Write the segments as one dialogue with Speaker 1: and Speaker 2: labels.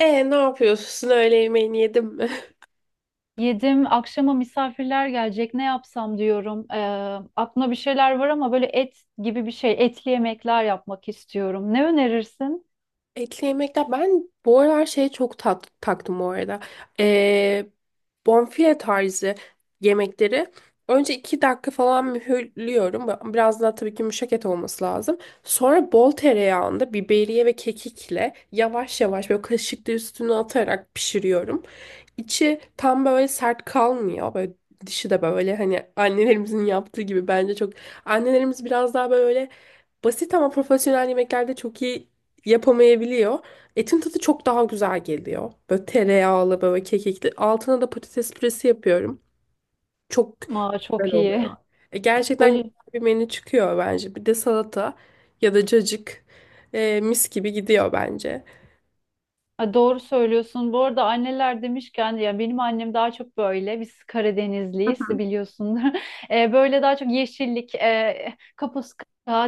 Speaker 1: E, ne yapıyorsun? Öğle yemeğini yedin mi?
Speaker 2: Yedim. Akşama misafirler gelecek. Ne yapsam diyorum. Aklımda bir şeyler var ama böyle et gibi bir şey, etli yemekler yapmak istiyorum. Ne önerirsin?
Speaker 1: Etli yemekler. Ben bu aralar şeye çok taktım bu arada. E, Bonfile tarzı yemekleri. Önce 2 dakika falan mühürlüyorum. Biraz daha tabii ki yumuşak et olması lazım. Sonra bol tereyağında biberiye ve kekikle yavaş yavaş böyle kaşıkla üstüne atarak pişiriyorum. İçi tam böyle sert kalmıyor. Böyle dışı da böyle hani annelerimizin yaptığı gibi bence çok annelerimiz biraz daha böyle basit ama profesyonel yemeklerde çok iyi yapamayabiliyor. Etin tadı çok daha güzel geliyor. Böyle tereyağlı, böyle kekikli. Altına da patates püresi yapıyorum. Çok
Speaker 2: Aa, çok
Speaker 1: güzel
Speaker 2: iyi.
Speaker 1: oluyor. Gerçekten
Speaker 2: Böyle
Speaker 1: güzel bir menü çıkıyor bence. Bir de salata ya da cacık mis gibi gidiyor bence.
Speaker 2: Ay, doğru söylüyorsun. Bu arada anneler demişken ya benim annem daha çok böyle biz Karadenizliyiz biliyorsundur. Böyle daha çok yeşillik, kapuska,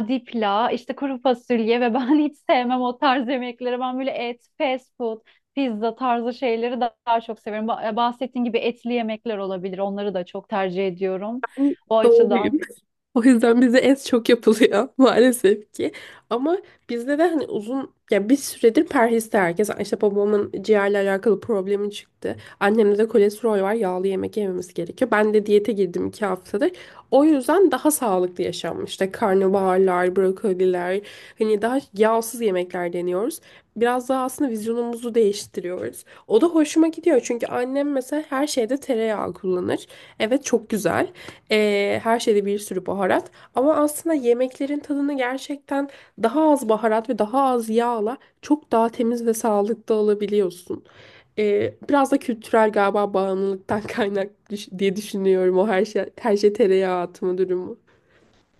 Speaker 2: dipla, işte kuru fasulye ve ben hiç sevmem o tarz yemekleri. Ben böyle et, fast food, pizza tarzı şeyleri daha çok severim. Bahsettiğin gibi etli yemekler olabilir. Onları da çok tercih ediyorum. O açıdan.
Speaker 1: Doğruyum. O yüzden bize es çok yapılıyor maalesef ki. Ama bizde de hani uzun ya bir süredir perhiste herkes işte babamın ciğerle alakalı problemi çıktı. Annemde de kolesterol var, yağlı yemek yememiz gerekiyor. Ben de diyete girdim 2 haftadır. O yüzden daha sağlıklı yaşam, işte karnabaharlar, brokoliler, hani daha yağsız yemekler deniyoruz. Biraz daha aslında vizyonumuzu değiştiriyoruz. O da hoşuma gidiyor çünkü annem mesela her şeyde tereyağı kullanır. Evet, çok güzel. Her şeyde bir sürü baharat. Ama aslında yemeklerin tadını gerçekten daha az baharat ve daha az yağla çok daha temiz ve sağlıklı alabiliyorsun. Biraz da kültürel galiba bağımlılıktan kaynak diye düşünüyorum, o her şey tereyağı atma durumu.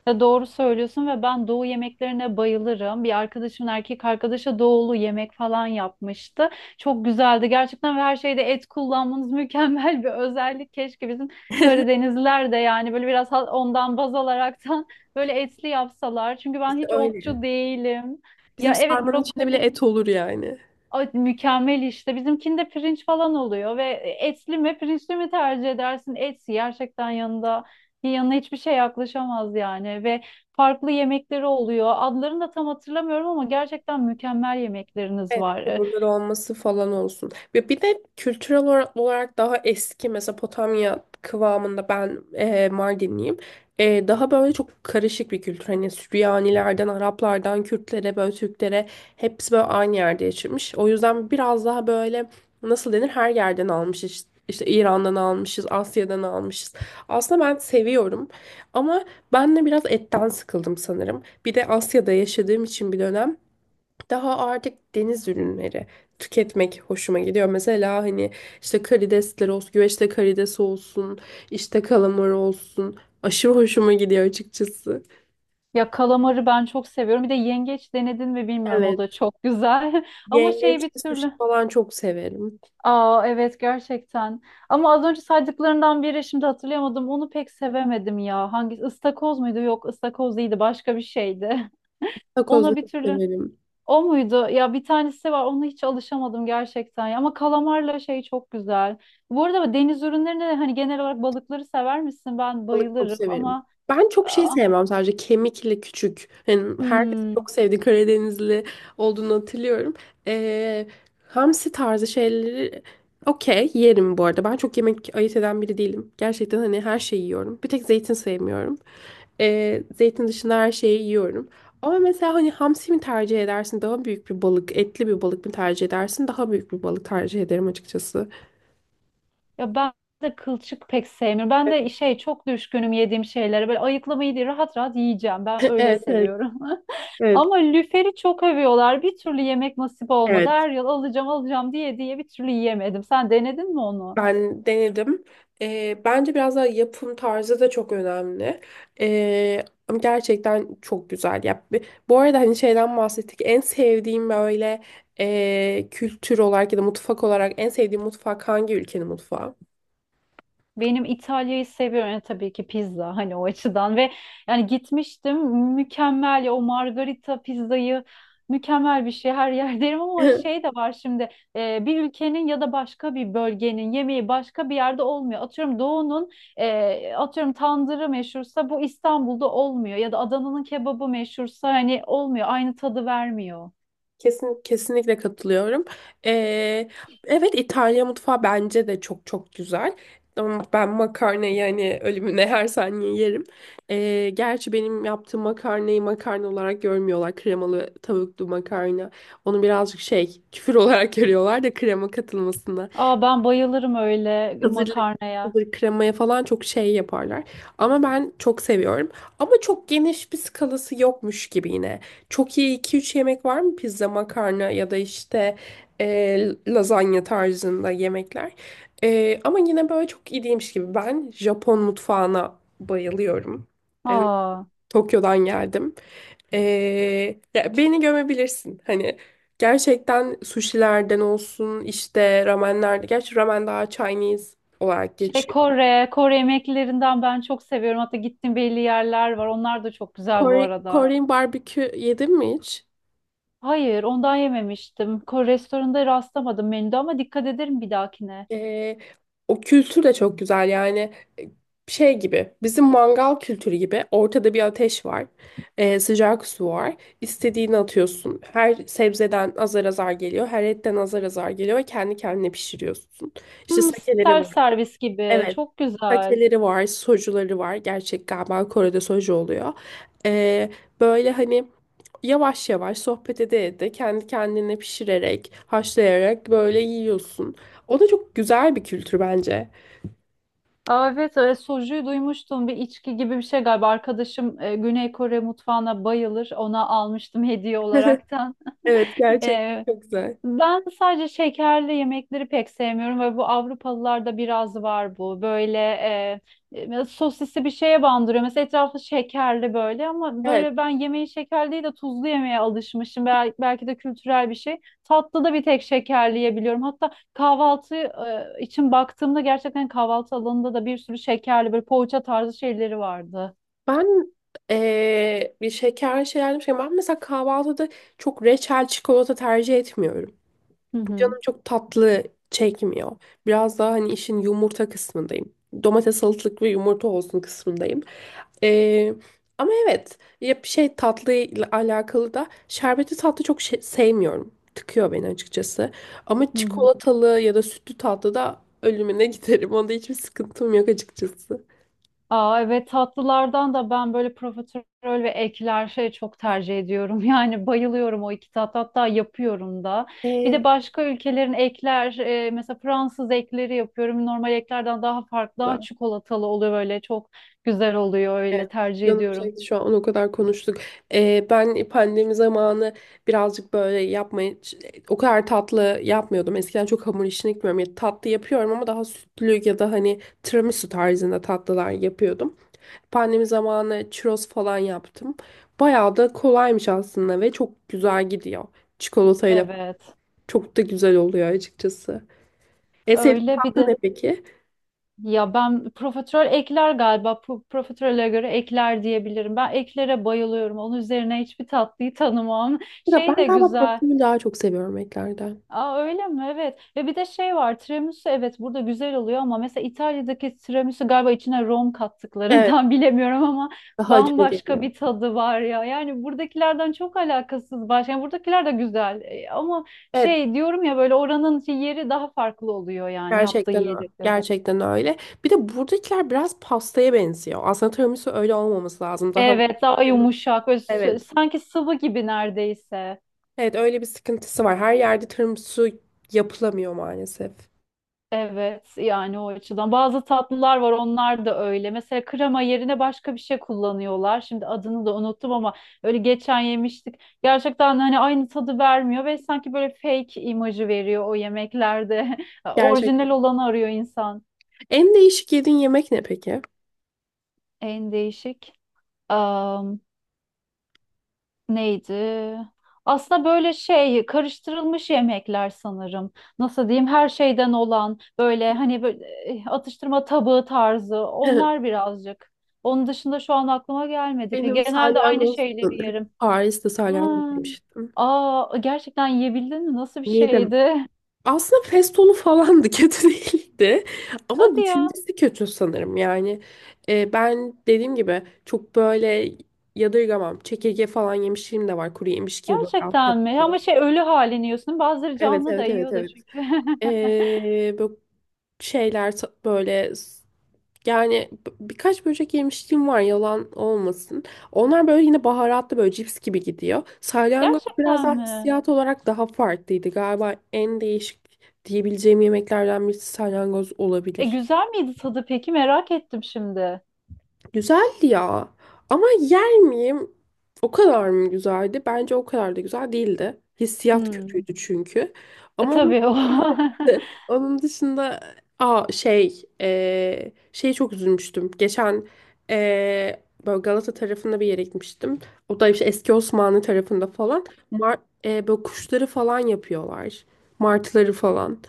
Speaker 2: Ya doğru söylüyorsun ve ben doğu yemeklerine bayılırım. Bir arkadaşımın erkek arkadaşı doğulu yemek falan yapmıştı. Çok güzeldi gerçekten ve her şeyde et kullanmanız mükemmel bir özellik. Keşke bizim Karadenizliler de yani böyle biraz ondan baz alaraktan böyle etli yapsalar. Çünkü ben
Speaker 1: İşte
Speaker 2: hiç
Speaker 1: öyle.
Speaker 2: otçu değilim.
Speaker 1: Bizim
Speaker 2: Ya evet,
Speaker 1: sarmanın içinde bile
Speaker 2: brokoli.
Speaker 1: et olur yani.
Speaker 2: Ay, mükemmel işte. Bizimkinde pirinç falan oluyor ve etli mi pirinçli mi tercih edersin? Etsi gerçekten yanında yanına hiçbir şey yaklaşamaz yani ve farklı yemekleri oluyor. Adlarını da tam hatırlamıyorum ama gerçekten mükemmel yemekleriniz
Speaker 1: Evet,
Speaker 2: var.
Speaker 1: kabulleri olması falan olsun. Ve bir de kültürel olarak daha eski Mezopotamya kıvamında, ben Mardinliyim. Daha böyle çok karışık bir kültür. Hani Süryanilerden, Araplardan, Kürtlere, böyle Türklere, hepsi böyle aynı yerde yaşamış. O yüzden biraz daha böyle nasıl denir, her yerden almışız. İşte İran'dan almışız, Asya'dan almışız. Aslında ben seviyorum ama ben de biraz etten sıkıldım sanırım. Bir de Asya'da yaşadığım için bir dönem. Daha artık deniz ürünleri tüketmek hoşuma gidiyor. Mesela hani işte karidesler olsun, güveçte karides olsun, işte kalamar olsun. Aşırı hoşuma gidiyor açıkçası.
Speaker 2: Ya kalamarı ben çok seviyorum. Bir de yengeç denedin mi bilmiyorum, o da
Speaker 1: Evet.
Speaker 2: çok güzel. Ama şey bir
Speaker 1: Yengeçli sushi
Speaker 2: türlü.
Speaker 1: falan çok severim.
Speaker 2: Aa, evet gerçekten. Ama az önce saydıklarından biri, şimdi hatırlayamadım. Onu pek sevemedim ya. Hangi ıstakoz muydu? Yok, ıstakoz değildi. Başka bir şeydi.
Speaker 1: Takoz da
Speaker 2: Ona bir
Speaker 1: çok
Speaker 2: türlü
Speaker 1: severim.
Speaker 2: o muydu? Ya bir tanesi var, ona hiç alışamadım gerçekten ya. Ama kalamarla şey çok güzel. Bu arada deniz ürünlerine de hani genel olarak balıkları sever misin? Ben
Speaker 1: Balık çok
Speaker 2: bayılırım
Speaker 1: severim.
Speaker 2: ama
Speaker 1: Ben çok şey
Speaker 2: ah,
Speaker 1: sevmem, sadece kemikli küçük. Yani herkes çok
Speaker 2: hmm.
Speaker 1: sevdi, Karadenizli olduğunu hatırlıyorum. Ee, Hamsi tarzı şeyleri okey yerim bu arada. Ben çok yemek ayırt eden biri değilim. Gerçekten hani her şeyi yiyorum. Bir tek zeytin sevmiyorum. Zeytin dışında her şeyi yiyorum. Ama mesela hani hamsi mi tercih edersin, daha büyük bir balık, etli bir balık mı tercih edersin? Daha büyük bir balık tercih ederim açıkçası.
Speaker 2: Ya ben de kılçık pek sevmiyorum. Ben de şey çok düşkünüm yediğim şeylere. Böyle ayıklamayı değil, rahat rahat yiyeceğim. Ben
Speaker 1: Evet,
Speaker 2: öyle
Speaker 1: evet,
Speaker 2: seviyorum.
Speaker 1: evet,
Speaker 2: Ama lüferi çok övüyorlar. Bir türlü yemek nasip olmadı.
Speaker 1: evet.
Speaker 2: Her yıl alacağım alacağım diye diye bir türlü yiyemedim. Sen denedin mi onu?
Speaker 1: Ben denedim. Bence biraz daha yapım tarzı da çok önemli. Ama gerçekten çok güzel. Ya, bu arada hani şeyden bahsettik. En sevdiğim böyle kültür olarak ya da mutfak olarak en sevdiğim mutfak hangi ülkenin mutfağı?
Speaker 2: Benim İtalya'yı seviyorum. Yani tabii ki pizza hani o açıdan ve yani gitmiştim, mükemmel ya o margarita pizzayı, mükemmel bir şey her yer derim ama şey de var şimdi, bir ülkenin ya da başka bir bölgenin yemeği başka bir yerde olmuyor. Atıyorum doğunun, atıyorum tandırı meşhursa bu İstanbul'da olmuyor ya da Adana'nın kebabı meşhursa hani olmuyor, aynı tadı vermiyor.
Speaker 1: Kesin, kesinlikle katılıyorum. Ee, evet, İtalya mutfağı bence de çok çok güzel. Ama ben makarnayı yani ölümüne her saniye yerim. Gerçi benim yaptığım makarnayı makarna olarak görmüyorlar. Kremalı tavuklu makarna. Onu birazcık şey, küfür olarak görüyorlar da krema katılmasına.
Speaker 2: Aa, ben bayılırım öyle
Speaker 1: Hazırlık,
Speaker 2: makarnaya.
Speaker 1: hazır kremaya falan çok şey yaparlar. Ama ben çok seviyorum. Ama çok geniş bir skalası yokmuş gibi yine. Çok iyi iki üç yemek var mı? Pizza, makarna ya da işte lazanya tarzında yemekler. Ama yine böyle çok iyi değilmiş gibi. Ben Japon mutfağına bayılıyorum. E,
Speaker 2: Aa.
Speaker 1: Tokyo'dan geldim. Ee, Ya beni gömebilirsin. Hani gerçekten sushilerden olsun, işte ramenlerde. Gerçi ramen daha Chinese olarak
Speaker 2: Şey
Speaker 1: geçiyor.
Speaker 2: Kore yemeklerinden ben çok seviyorum. Hatta gittiğim belli yerler var. Onlar da çok güzel bu
Speaker 1: Kore,
Speaker 2: arada.
Speaker 1: Korean barbekü yedin mi hiç?
Speaker 2: Hayır, ondan yememiştim. Kore restoranında rastlamadım menüde ama dikkat ederim bir dahakine.
Speaker 1: Ee, O kültür de çok güzel yani e, şey gibi, bizim mangal kültürü gibi ortada bir ateş var. Sıcak su var. İstediğini atıyorsun. Her sebzeden azar azar geliyor. Her etten azar azar geliyor ve kendi kendine pişiriyorsun. İşte
Speaker 2: Hmm,
Speaker 1: sakeleri.
Speaker 2: self servis gibi.
Speaker 1: Evet.
Speaker 2: Çok güzel.
Speaker 1: Pakeleri var, sojuları var. Gerçek galiba Kore'de soju oluyor. Ee, Böyle hani yavaş yavaş sohbet ede ede kendi kendine pişirerek, haşlayarak böyle yiyorsun. O da çok güzel bir kültür bence.
Speaker 2: Aa, evet, sojuyu duymuştum. Bir içki gibi bir şey galiba. Arkadaşım Güney Kore mutfağına bayılır. Ona almıştım hediye olaraktan.
Speaker 1: Evet, gerçekten çok güzel.
Speaker 2: Ben sadece şekerli yemekleri pek sevmiyorum ve bu Avrupalılarda biraz var bu. Böyle sosisli bir şeye bandırıyor. Mesela etrafı şekerli böyle ama
Speaker 1: Evet,
Speaker 2: böyle ben yemeği şekerli değil de tuzlu yemeye alışmışım. Belki de kültürel bir şey. Tatlı da bir tek şekerli yiyebiliyorum. Hatta kahvaltı için baktığımda gerçekten kahvaltı alanında da bir sürü şekerli böyle poğaça tarzı şeyleri vardı.
Speaker 1: ben bir şeker şey almışken, ben mesela kahvaltıda çok reçel, çikolata tercih etmiyorum.
Speaker 2: Hı hı.
Speaker 1: Canım çok tatlı çekmiyor. Biraz daha hani işin yumurta kısmındayım. Domates, salatalık ve yumurta olsun kısmındayım. Ee, Ama evet, ya bir şey tatlı ile alakalı da, şerbetli tatlı çok sevmiyorum. Tıkıyor beni açıkçası. Ama
Speaker 2: Hı hı.
Speaker 1: çikolatalı ya da sütlü tatlı da ölümüne giderim. Onda hiçbir sıkıntım yok açıkçası.
Speaker 2: Aa, evet, tatlılardan da ben böyle profiterol ve ekler şey çok tercih ediyorum. Yani bayılıyorum o iki tat, hatta yapıyorum da. Bir
Speaker 1: Ee,
Speaker 2: de başka ülkelerin ekler mesela Fransız ekleri yapıyorum. Normal eklerden daha farklı, daha çikolatalı oluyor, böyle çok güzel oluyor, öyle
Speaker 1: Evet,
Speaker 2: tercih
Speaker 1: canım
Speaker 2: ediyorum.
Speaker 1: çekti şu an, o kadar konuştuk. Ben pandemi zamanı birazcık böyle yapmayı, o kadar tatlı yapmıyordum. Eskiden çok hamur işini gitmiyorum. Ya, tatlı yapıyorum ama daha sütlü ya da hani tiramisu tarzında tatlılar yapıyordum. Pandemi zamanı churros falan yaptım. Bayağı da kolaymış aslında ve çok güzel gidiyor. Çikolatayla
Speaker 2: Evet
Speaker 1: çok da güzel oluyor açıkçası. En sevdiğin
Speaker 2: öyle bir
Speaker 1: tatlı
Speaker 2: de
Speaker 1: ne peki?
Speaker 2: ya ben profiterol ekler galiba, profiterole göre ekler diyebilirim. Ben eklere bayılıyorum, onun üzerine hiçbir tatlıyı tanımam.
Speaker 1: Ya
Speaker 2: Şey
Speaker 1: ben
Speaker 2: de
Speaker 1: galiba
Speaker 2: güzel.
Speaker 1: profilini daha çok seviyorum eklerden.
Speaker 2: Aa, öyle mi? Evet. Ve bir de şey var. Tiramisu, evet burada güzel oluyor ama mesela İtalya'daki tiramisu galiba içine rom
Speaker 1: Evet,
Speaker 2: kattıklarından bilemiyorum ama
Speaker 1: daha acılı
Speaker 2: bambaşka
Speaker 1: geliyor.
Speaker 2: bir tadı var ya. Yani buradakilerden çok alakasız başka. Yani buradakiler de güzel, ama
Speaker 1: Evet,
Speaker 2: şey diyorum ya böyle oranın yeri daha farklı oluyor yani yaptığı
Speaker 1: gerçekten öyle.
Speaker 2: yiyecekler.
Speaker 1: Gerçekten öyle. Bir de buradakiler biraz pastaya benziyor. Aslında tiramisu öyle olmaması lazım. Daha.
Speaker 2: Evet, daha yumuşak ve
Speaker 1: Evet.
Speaker 2: sanki sıvı gibi neredeyse.
Speaker 1: Evet, öyle bir sıkıntısı var. Her yerde tiramisu yapılamıyor maalesef.
Speaker 2: Evet yani o açıdan. Bazı tatlılar var, onlar da öyle. Mesela krema yerine başka bir şey kullanıyorlar. Şimdi adını da unuttum ama öyle geçen yemiştik. Gerçekten hani aynı tadı vermiyor ve sanki böyle fake imajı veriyor o yemeklerde.
Speaker 1: Gerçekten.
Speaker 2: Orijinal olanı arıyor insan.
Speaker 1: En değişik yediğin yemek ne peki?
Speaker 2: En değişik. Neydi? Aslında böyle şey karıştırılmış yemekler sanırım. Nasıl diyeyim? Her şeyden olan böyle hani böyle atıştırma tabağı tarzı onlar birazcık. Onun dışında şu an aklıma gelmedi. Peki
Speaker 1: Benim
Speaker 2: genelde aynı
Speaker 1: salyangoz
Speaker 2: şeyleri
Speaker 1: sanırım.
Speaker 2: yerim.
Speaker 1: Paris'te salyangoz
Speaker 2: Ha.
Speaker 1: yemiştim.
Speaker 2: Aa, gerçekten yiyebildin mi? Nasıl bir
Speaker 1: Yedim.
Speaker 2: şeydi?
Speaker 1: Aslında festolu falandı, kötü değildi ama
Speaker 2: Hadi ya.
Speaker 1: düşüncesi kötü sanırım. Yani ben dediğim gibi çok böyle yadırgamam, çekirge falan yemişliğim de var, kuru yemiş gibi, böyle
Speaker 2: Gerçekten
Speaker 1: Asya'da
Speaker 2: mi? Ama
Speaker 1: falan.
Speaker 2: şey ölü halini yiyorsun. Bazıları
Speaker 1: Evet,
Speaker 2: canlı da
Speaker 1: evet, evet,
Speaker 2: yiyor da
Speaker 1: evet.
Speaker 2: çünkü.
Speaker 1: Böyle şeyler böyle yani birkaç böcek yemişliğim var, yalan olmasın. Onlar böyle yine baharatlı, böyle cips gibi gidiyor. Salyangoz biraz
Speaker 2: Gerçekten
Speaker 1: daha
Speaker 2: mi?
Speaker 1: hissiyat olarak daha farklıydı. Galiba en değişik diyebileceğim yemeklerden birisi salyangoz
Speaker 2: E
Speaker 1: olabilir.
Speaker 2: güzel miydi tadı peki? Merak ettim şimdi.
Speaker 1: Güzeldi ya. Ama yer miyim? O kadar mı güzeldi? Bence o kadar da güzel değildi. Hissiyat
Speaker 2: Hmm.
Speaker 1: kötüydü çünkü.
Speaker 2: E,
Speaker 1: Ama onun
Speaker 2: tabii o.
Speaker 1: dışında, onun dışında şey şey çok üzülmüştüm. Geçen böyle Galata tarafında bir yere gitmiştim. O da işte eski Osmanlı tarafında falan. Mar böyle kuşları falan yapıyorlar. Martıları falan.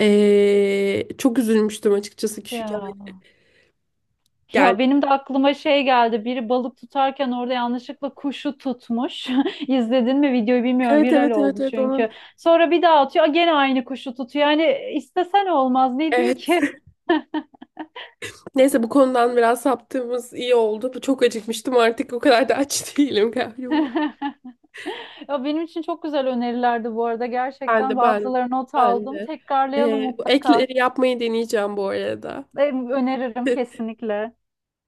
Speaker 1: Çok üzülmüştüm açıkçası, küçük
Speaker 2: Ya. Ya
Speaker 1: geldi.
Speaker 2: benim de aklıma şey geldi. Biri balık tutarken orada yanlışlıkla kuşu tutmuş. İzledin mi videoyu bilmiyorum.
Speaker 1: Evet,
Speaker 2: Viral
Speaker 1: evet, evet,
Speaker 2: oldu
Speaker 1: evet, onun.
Speaker 2: çünkü. Sonra bir daha atıyor. "Aa, gene aynı kuşu tutuyor." Yani istesen olmaz. Ne diyeyim
Speaker 1: Evet.
Speaker 2: ki?
Speaker 1: Neyse bu konudan biraz saptığımız iyi oldu. Bu. Çok acıkmıştım, artık o kadar da aç değilim galiba.
Speaker 2: Ya benim için çok güzel önerilerdi bu arada.
Speaker 1: Ben de,
Speaker 2: Gerçekten
Speaker 1: ben
Speaker 2: bazıları not
Speaker 1: ben
Speaker 2: aldım.
Speaker 1: de.
Speaker 2: Tekrarlayalım
Speaker 1: Bu
Speaker 2: mutlaka.
Speaker 1: ekleri yapmayı deneyeceğim bu arada.
Speaker 2: Ben öneririm kesinlikle.